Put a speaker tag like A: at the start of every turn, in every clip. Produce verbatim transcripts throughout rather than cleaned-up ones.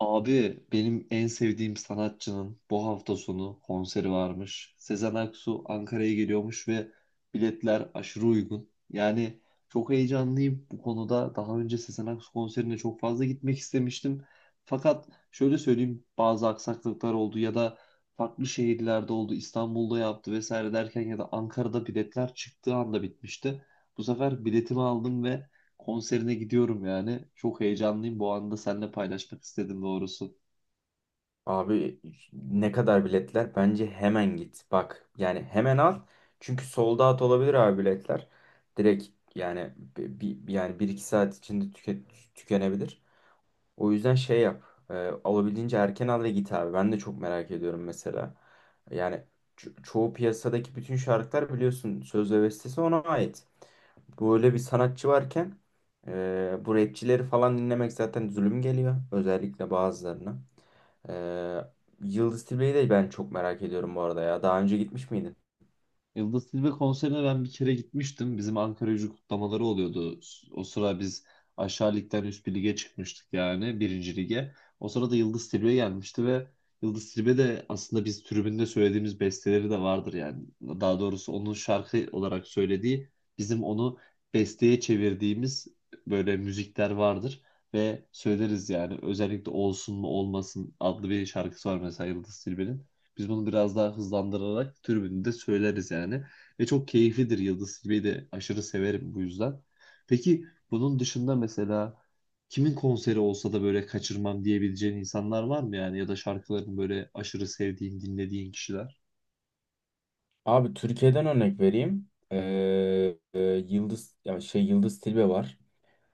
A: Abi benim en sevdiğim sanatçının bu hafta sonu konseri varmış. Sezen Aksu Ankara'ya geliyormuş ve biletler aşırı uygun. Yani çok heyecanlıyım bu konuda. Daha önce Sezen Aksu konserine çok fazla gitmek istemiştim. Fakat şöyle söyleyeyim bazı aksaklıklar oldu ya da farklı şehirlerde oldu. İstanbul'da yaptı vesaire derken ya da Ankara'da biletler çıktığı anda bitmişti. Bu sefer biletimi aldım ve konserine gidiyorum yani. Çok heyecanlıyım. Bu anda seninle paylaşmak istedim doğrusu.
B: Abi, ne kadar biletler? Bence hemen git. Bak, yani hemen al. Çünkü sold out olabilir abi biletler. Direkt yani bir, yani bir iki saat içinde tüke, tükenebilir. O yüzden şey yap. E, Alabildiğince erken al ve git abi. Ben de çok merak ediyorum mesela. Yani ço- çoğu piyasadaki bütün şarkılar biliyorsun, söz ve bestesi ona ait. Böyle bir sanatçı varken e, bu rapçileri falan dinlemek zaten zulüm geliyor. Özellikle bazılarına. E, Yıldız Tilbe'yi de ben çok merak ediyorum bu arada ya. Daha önce gitmiş miydin?
A: Yıldız Tilbe konserine ben bir kere gitmiştim. Bizim Ankara Gücü kutlamaları oluyordu. O sıra biz aşağı ligden üst bir lige çıkmıştık yani birinci lige. O sırada Yıldız Tilbe gelmişti ve Yıldız Tilbe de aslında biz tribünde söylediğimiz besteleri de vardır yani. Daha doğrusu onun şarkı olarak söylediği bizim onu besteye çevirdiğimiz böyle müzikler vardır. Ve söyleriz yani özellikle Olsun mu Olmasın adlı bir şarkısı var mesela Yıldız Tilbe'nin. Biz bunu biraz daha hızlandırarak tribünde de söyleriz yani. Ve çok keyiflidir, Yıldız Tilbe'yi de aşırı severim bu yüzden. Peki bunun dışında mesela kimin konseri olsa da böyle kaçırmam diyebileceğin insanlar var mı yani? Ya da şarkılarını böyle aşırı sevdiğin, dinlediğin kişiler?
B: Abi, Türkiye'den örnek vereyim. E, e, Yıldız ya şey Yıldız Tilbe var.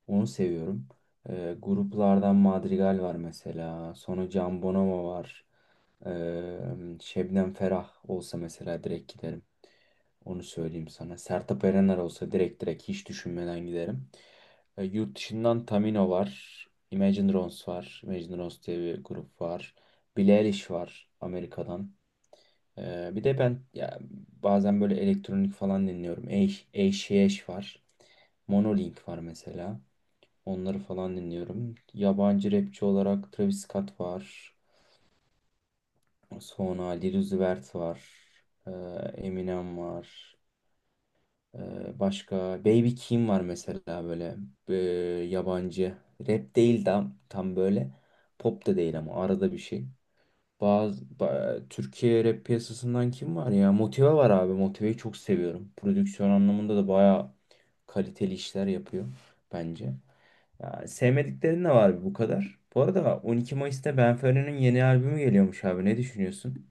B: Onu seviyorum. Ee, gruplardan Madrigal var mesela. Sonra Can Bonomo var. Ee, Şebnem Ferah olsa mesela direkt giderim. Onu söyleyeyim sana. Sertab Erener olsa direkt direkt hiç düşünmeden giderim. Ee, yurt dışından Tamino var. Imagine Dragons var. Imagine Dragons diye bir grup var. Billie Eilish var Amerika'dan. Ee, bir de ben ya, bazen böyle elektronik falan dinliyorum. Eyş Eyş var. Monolink var mesela. Onları falan dinliyorum. Yabancı rapçi olarak Travis Scott var. Sonra Lil Uzi Vert var. Ee, Eminem var. Ee, başka Baby Keem var mesela, böyle ee, yabancı. Rap değil tam, tam böyle. Pop da değil ama arada bir şey. Bazı ba- Türkiye rap piyasasından kim var ya? Motive var abi. Motive'yi çok seviyorum. Prodüksiyon anlamında da bayağı kaliteli işler yapıyor bence. Ya, sevmediklerin de var bu kadar. Bu arada on iki Mayıs'ta Benfero'nun yeni albümü geliyormuş abi. Ne düşünüyorsun?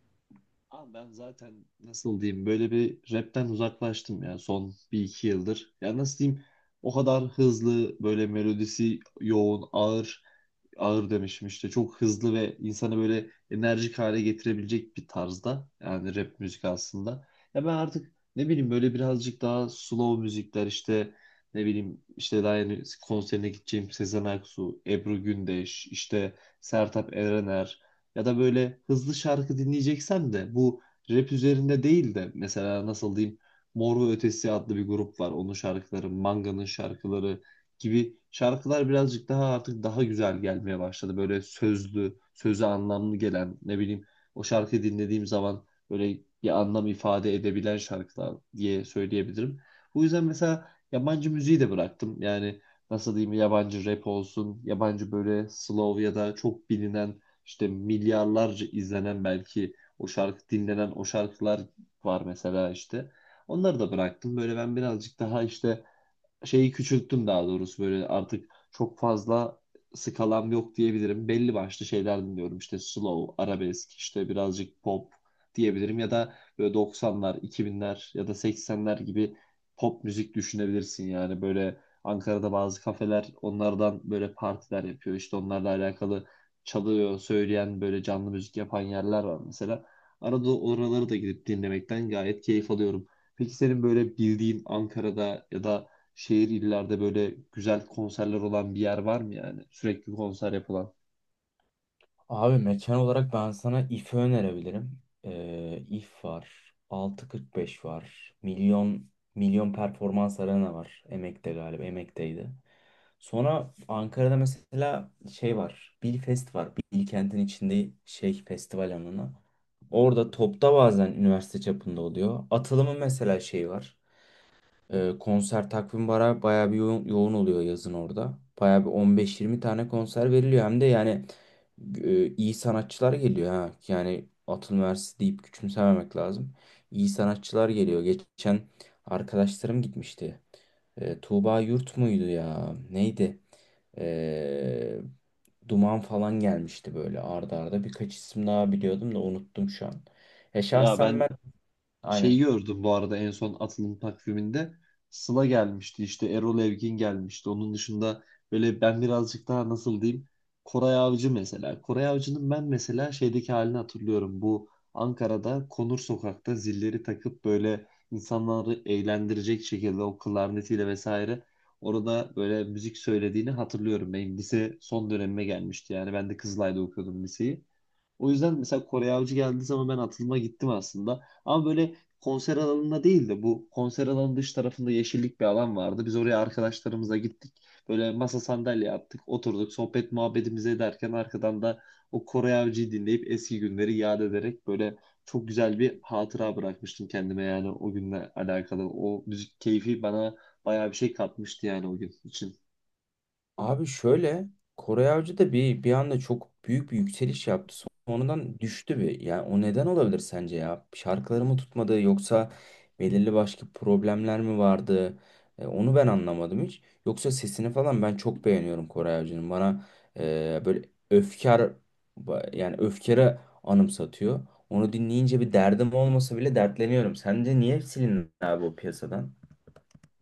A: Abi ben zaten nasıl diyeyim böyle bir rapten uzaklaştım ya, son bir iki yıldır. Ya nasıl diyeyim o kadar hızlı, böyle melodisi yoğun, ağır ağır demişim işte, çok hızlı ve insanı böyle enerjik hale getirebilecek bir tarzda yani rap müzik aslında. Ya ben artık ne bileyim böyle birazcık daha slow müzikler işte, ne bileyim işte daha yeni konserine gideceğim Sezen Aksu, Ebru Gündeş, işte Sertab Erener ya da böyle hızlı şarkı dinleyeceksen de bu rap üzerinde değil de mesela nasıl diyeyim Mor ve Ötesi adlı bir grup var. Onun şarkıları, Manga'nın şarkıları gibi şarkılar birazcık daha artık daha güzel gelmeye başladı. Böyle sözlü, sözü anlamlı gelen ne bileyim o şarkıyı dinlediğim zaman böyle bir anlam ifade edebilen şarkılar diye söyleyebilirim. Bu yüzden mesela yabancı müziği de bıraktım. Yani nasıl diyeyim yabancı rap olsun, yabancı böyle slow ya da çok bilinen, işte milyarlarca izlenen belki o şarkı dinlenen o şarkılar var mesela işte. Onları da bıraktım. Böyle ben birazcık daha işte şeyi küçülttüm daha doğrusu, böyle artık çok fazla skalam yok diyebilirim. Belli başlı şeyler dinliyorum işte slow, arabesk, işte birazcık pop diyebilirim ya da böyle doksanlar, iki binler ya da seksenler gibi pop müzik düşünebilirsin yani böyle Ankara'da bazı kafeler onlardan böyle partiler yapıyor işte, onlarla alakalı çalıyor, söyleyen böyle canlı müzik yapan yerler var mesela. Arada oraları da gidip dinlemekten gayet keyif alıyorum. Peki senin böyle bildiğin Ankara'da ya da şehir illerde böyle güzel konserler olan bir yer var mı yani? Sürekli konser yapılan.
B: Abi, mekan olarak ben sana I F'i önerebilirim. Ee, I F var. altı kırk beş var. Milyon Milyon Performans Arena var. Emek'te galiba. Emek'teydi. Sonra Ankara'da mesela şey var. Bilfest var. Bilkent'in içinde şey festival alanı. Orada topta bazen üniversite çapında oluyor. Atılımın mesela şeyi var. Ee, konser takvim bara bayağı bir yoğun, yoğun oluyor yazın orada. Bayağı bir on beş yirmi tane konser veriliyor. Hem de yani e, iyi sanatçılar geliyor ha. Yani Atıl Üniversitesi deyip küçümsememek lazım. İyi sanatçılar geliyor. Geçen arkadaşlarım gitmişti. E, Tuğba Yurt muydu ya? Neydi? E, Duman falan gelmişti, böyle arda arda. Birkaç isim daha biliyordum da unuttum şu an. E
A: Ya
B: şahsen
A: ben
B: ben aynen.
A: şeyi gördüm bu arada en son atılım takviminde. Sıla gelmişti, işte Erol Evgin gelmişti. Onun dışında böyle ben birazcık daha nasıl diyeyim Koray Avcı mesela. Koray Avcı'nın ben mesela şeydeki halini hatırlıyorum. Bu Ankara'da Konur Sokak'ta zilleri takıp böyle insanları eğlendirecek şekilde o klarnetiyle vesaire orada böyle müzik söylediğini hatırlıyorum. Benim lise son dönemime gelmişti yani, ben de Kızılay'da okuyordum liseyi. O yüzden mesela Kore Avcı geldiği zaman ben atılıma gittim aslında. Ama böyle konser alanında değil de bu konser alanının dış tarafında yeşillik bir alan vardı. Biz oraya arkadaşlarımıza gittik. Böyle masa sandalye attık, oturduk, sohbet muhabbetimizi ederken arkadan da o Kore Avcı'yı dinleyip eski günleri yad ederek böyle çok güzel bir hatıra bırakmıştım kendime yani, o günle alakalı. O müzik keyfi bana bayağı bir şey katmıştı yani o gün için.
B: Abi şöyle, Koray Avcı da bir bir anda çok büyük bir yükseliş yaptı. Sonradan düştü bir. Yani o neden olabilir sence ya? Şarkıları mı tutmadı, yoksa belirli başka problemler mi vardı? E, onu ben anlamadım hiç. Yoksa sesini falan ben çok beğeniyorum Koray Avcı'nın. Bana e, böyle öfkar ba- yani öfkere anımsatıyor. Onu dinleyince bir derdim olmasa bile dertleniyorum. Sence niye silindi abi o piyasadan?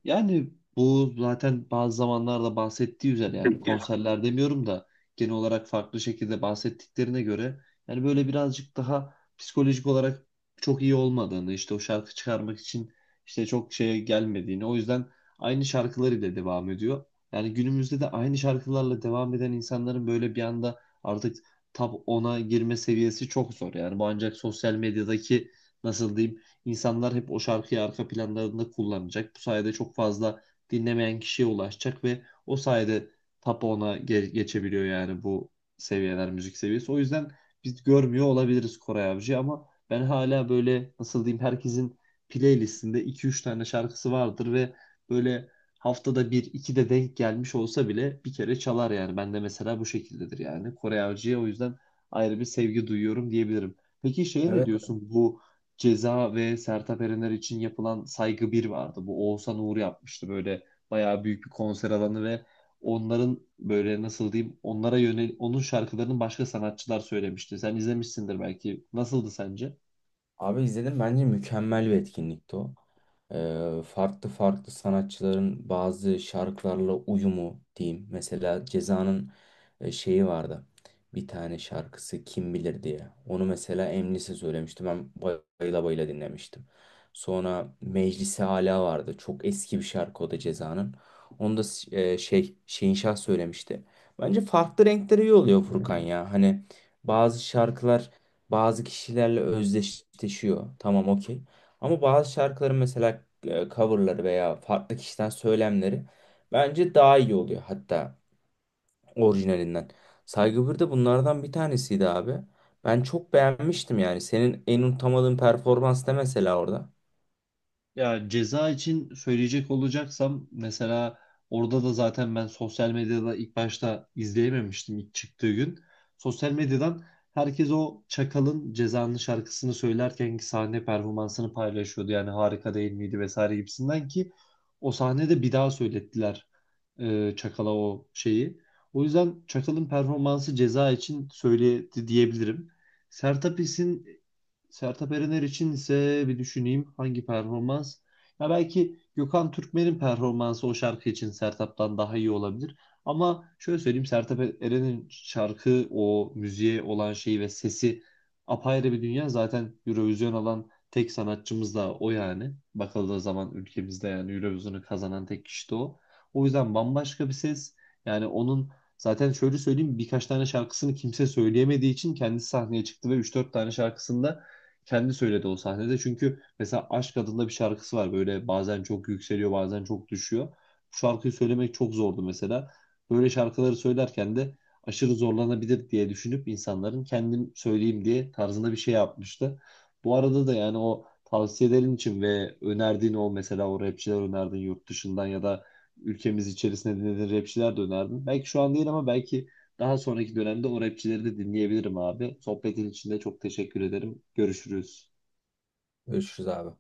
A: Yani bu zaten bazı zamanlarda bahsettiği üzere, yani konserler demiyorum da, genel olarak farklı şekilde bahsettiklerine göre yani böyle birazcık daha psikolojik olarak çok iyi olmadığını, işte o şarkı çıkarmak için işte çok şeye gelmediğini, o yüzden aynı şarkılarıyla devam ediyor. Yani günümüzde de aynı şarkılarla devam eden insanların böyle bir anda artık top ona girme seviyesi çok zor. Yani bu ancak sosyal medyadaki nasıl diyeyim İnsanlar hep o şarkıyı arka planlarında kullanacak. Bu sayede çok fazla dinlemeyen kişiye ulaşacak ve o sayede top ona ge- geçebiliyor yani bu seviyeler, müzik seviyesi. O yüzden biz görmüyor olabiliriz Koray Avcı, ama ben hala böyle nasıl diyeyim herkesin playlistinde iki üç tane şarkısı vardır ve böyle haftada bir iki de denk gelmiş olsa bile bir kere çalar yani. Ben de mesela bu şekildedir yani. Kore Avcı'ya o yüzden ayrı bir sevgi duyuyorum diyebilirim. Peki şeye ne
B: Evet,
A: diyorsun? Bu Ceza ve Sertab Erener için yapılan Saygı bir vardı. Bu Oğuzhan Uğur yapmıştı, böyle bayağı büyük bir konser alanı ve onların böyle nasıl diyeyim onlara yönel onun şarkılarını başka sanatçılar söylemişti. Sen izlemişsindir belki. Nasıldı sence?
B: abi izledim, bence mükemmel bir etkinlikti o. Ee, farklı farklı sanatçıların bazı şarkılarla uyumu diyeyim. Mesela Ceza'nın e, şeyi vardı. Bir tane şarkısı Kim Bilir diye. Onu mesela Emlis'e söylemiştim. Ben bayıla bayıla dinlemiştim. Sonra Meclisi Ala vardı. Çok eski bir şarkı o da Ceza'nın. Onu da e, şey Şehinşah söylemişti. Bence farklı renkleri iyi oluyor Furkan ya. Hani bazı şarkılar bazı kişilerle özdeşleşiyor. Tamam, okey. Ama bazı şarkıların mesela e, coverları veya farklı kişiden söylemleri bence daha iyi oluyor, hatta orijinalinden. Saygı bir de bunlardan bir tanesiydi abi. Ben çok beğenmiştim yani. Senin en unutamadığın performans ne mesela orada?
A: Ya ceza için söyleyecek olacaksam mesela, orada da zaten ben sosyal medyada ilk başta izleyememiştim ilk çıktığı gün. Sosyal medyadan herkes o Çakal'ın Ceza'nın şarkısını söylerkenki sahne performansını paylaşıyordu. Yani harika değil miydi vesaire gibisinden ki o sahnede bir daha söylettiler e, Çakal'a o şeyi. O yüzden Çakal'ın performansı ceza için söyledi diyebilirim. Sertab İş'in Sertab Erener için ise bir düşüneyim hangi performans? Ya belki Gökhan Türkmen'in performansı o şarkı için Sertab'dan daha iyi olabilir. Ama şöyle söyleyeyim Sertab Erener'in şarkı o müziğe olan şeyi ve sesi apayrı bir dünya. Zaten Eurovision alan tek sanatçımız da o yani. Bakıldığı zaman ülkemizde yani Eurovision'u kazanan tek kişi de o. O yüzden bambaşka bir ses. Yani onun zaten şöyle söyleyeyim birkaç tane şarkısını kimse söyleyemediği için kendisi sahneye çıktı ve üç dört tane şarkısında kendi söyledi o sahnede. Çünkü mesela Aşk adında bir şarkısı var. Böyle bazen çok yükseliyor, bazen çok düşüyor. Bu şarkıyı söylemek çok zordu mesela. Böyle şarkıları söylerken de aşırı zorlanabilir diye düşünüp insanların kendim söyleyeyim diye tarzında bir şey yapmıştı. Bu arada da yani o tavsiyelerin için ve önerdiğin o mesela o rapçiler önerdin yurt dışından ya da ülkemiz içerisinde dinlediğin rapçiler de önerdin. Belki şu an değil ama belki daha sonraki dönemde o rapçileri de dinleyebilirim abi. Sohbetin için de çok teşekkür ederim. Görüşürüz.
B: Görüşürüz abi.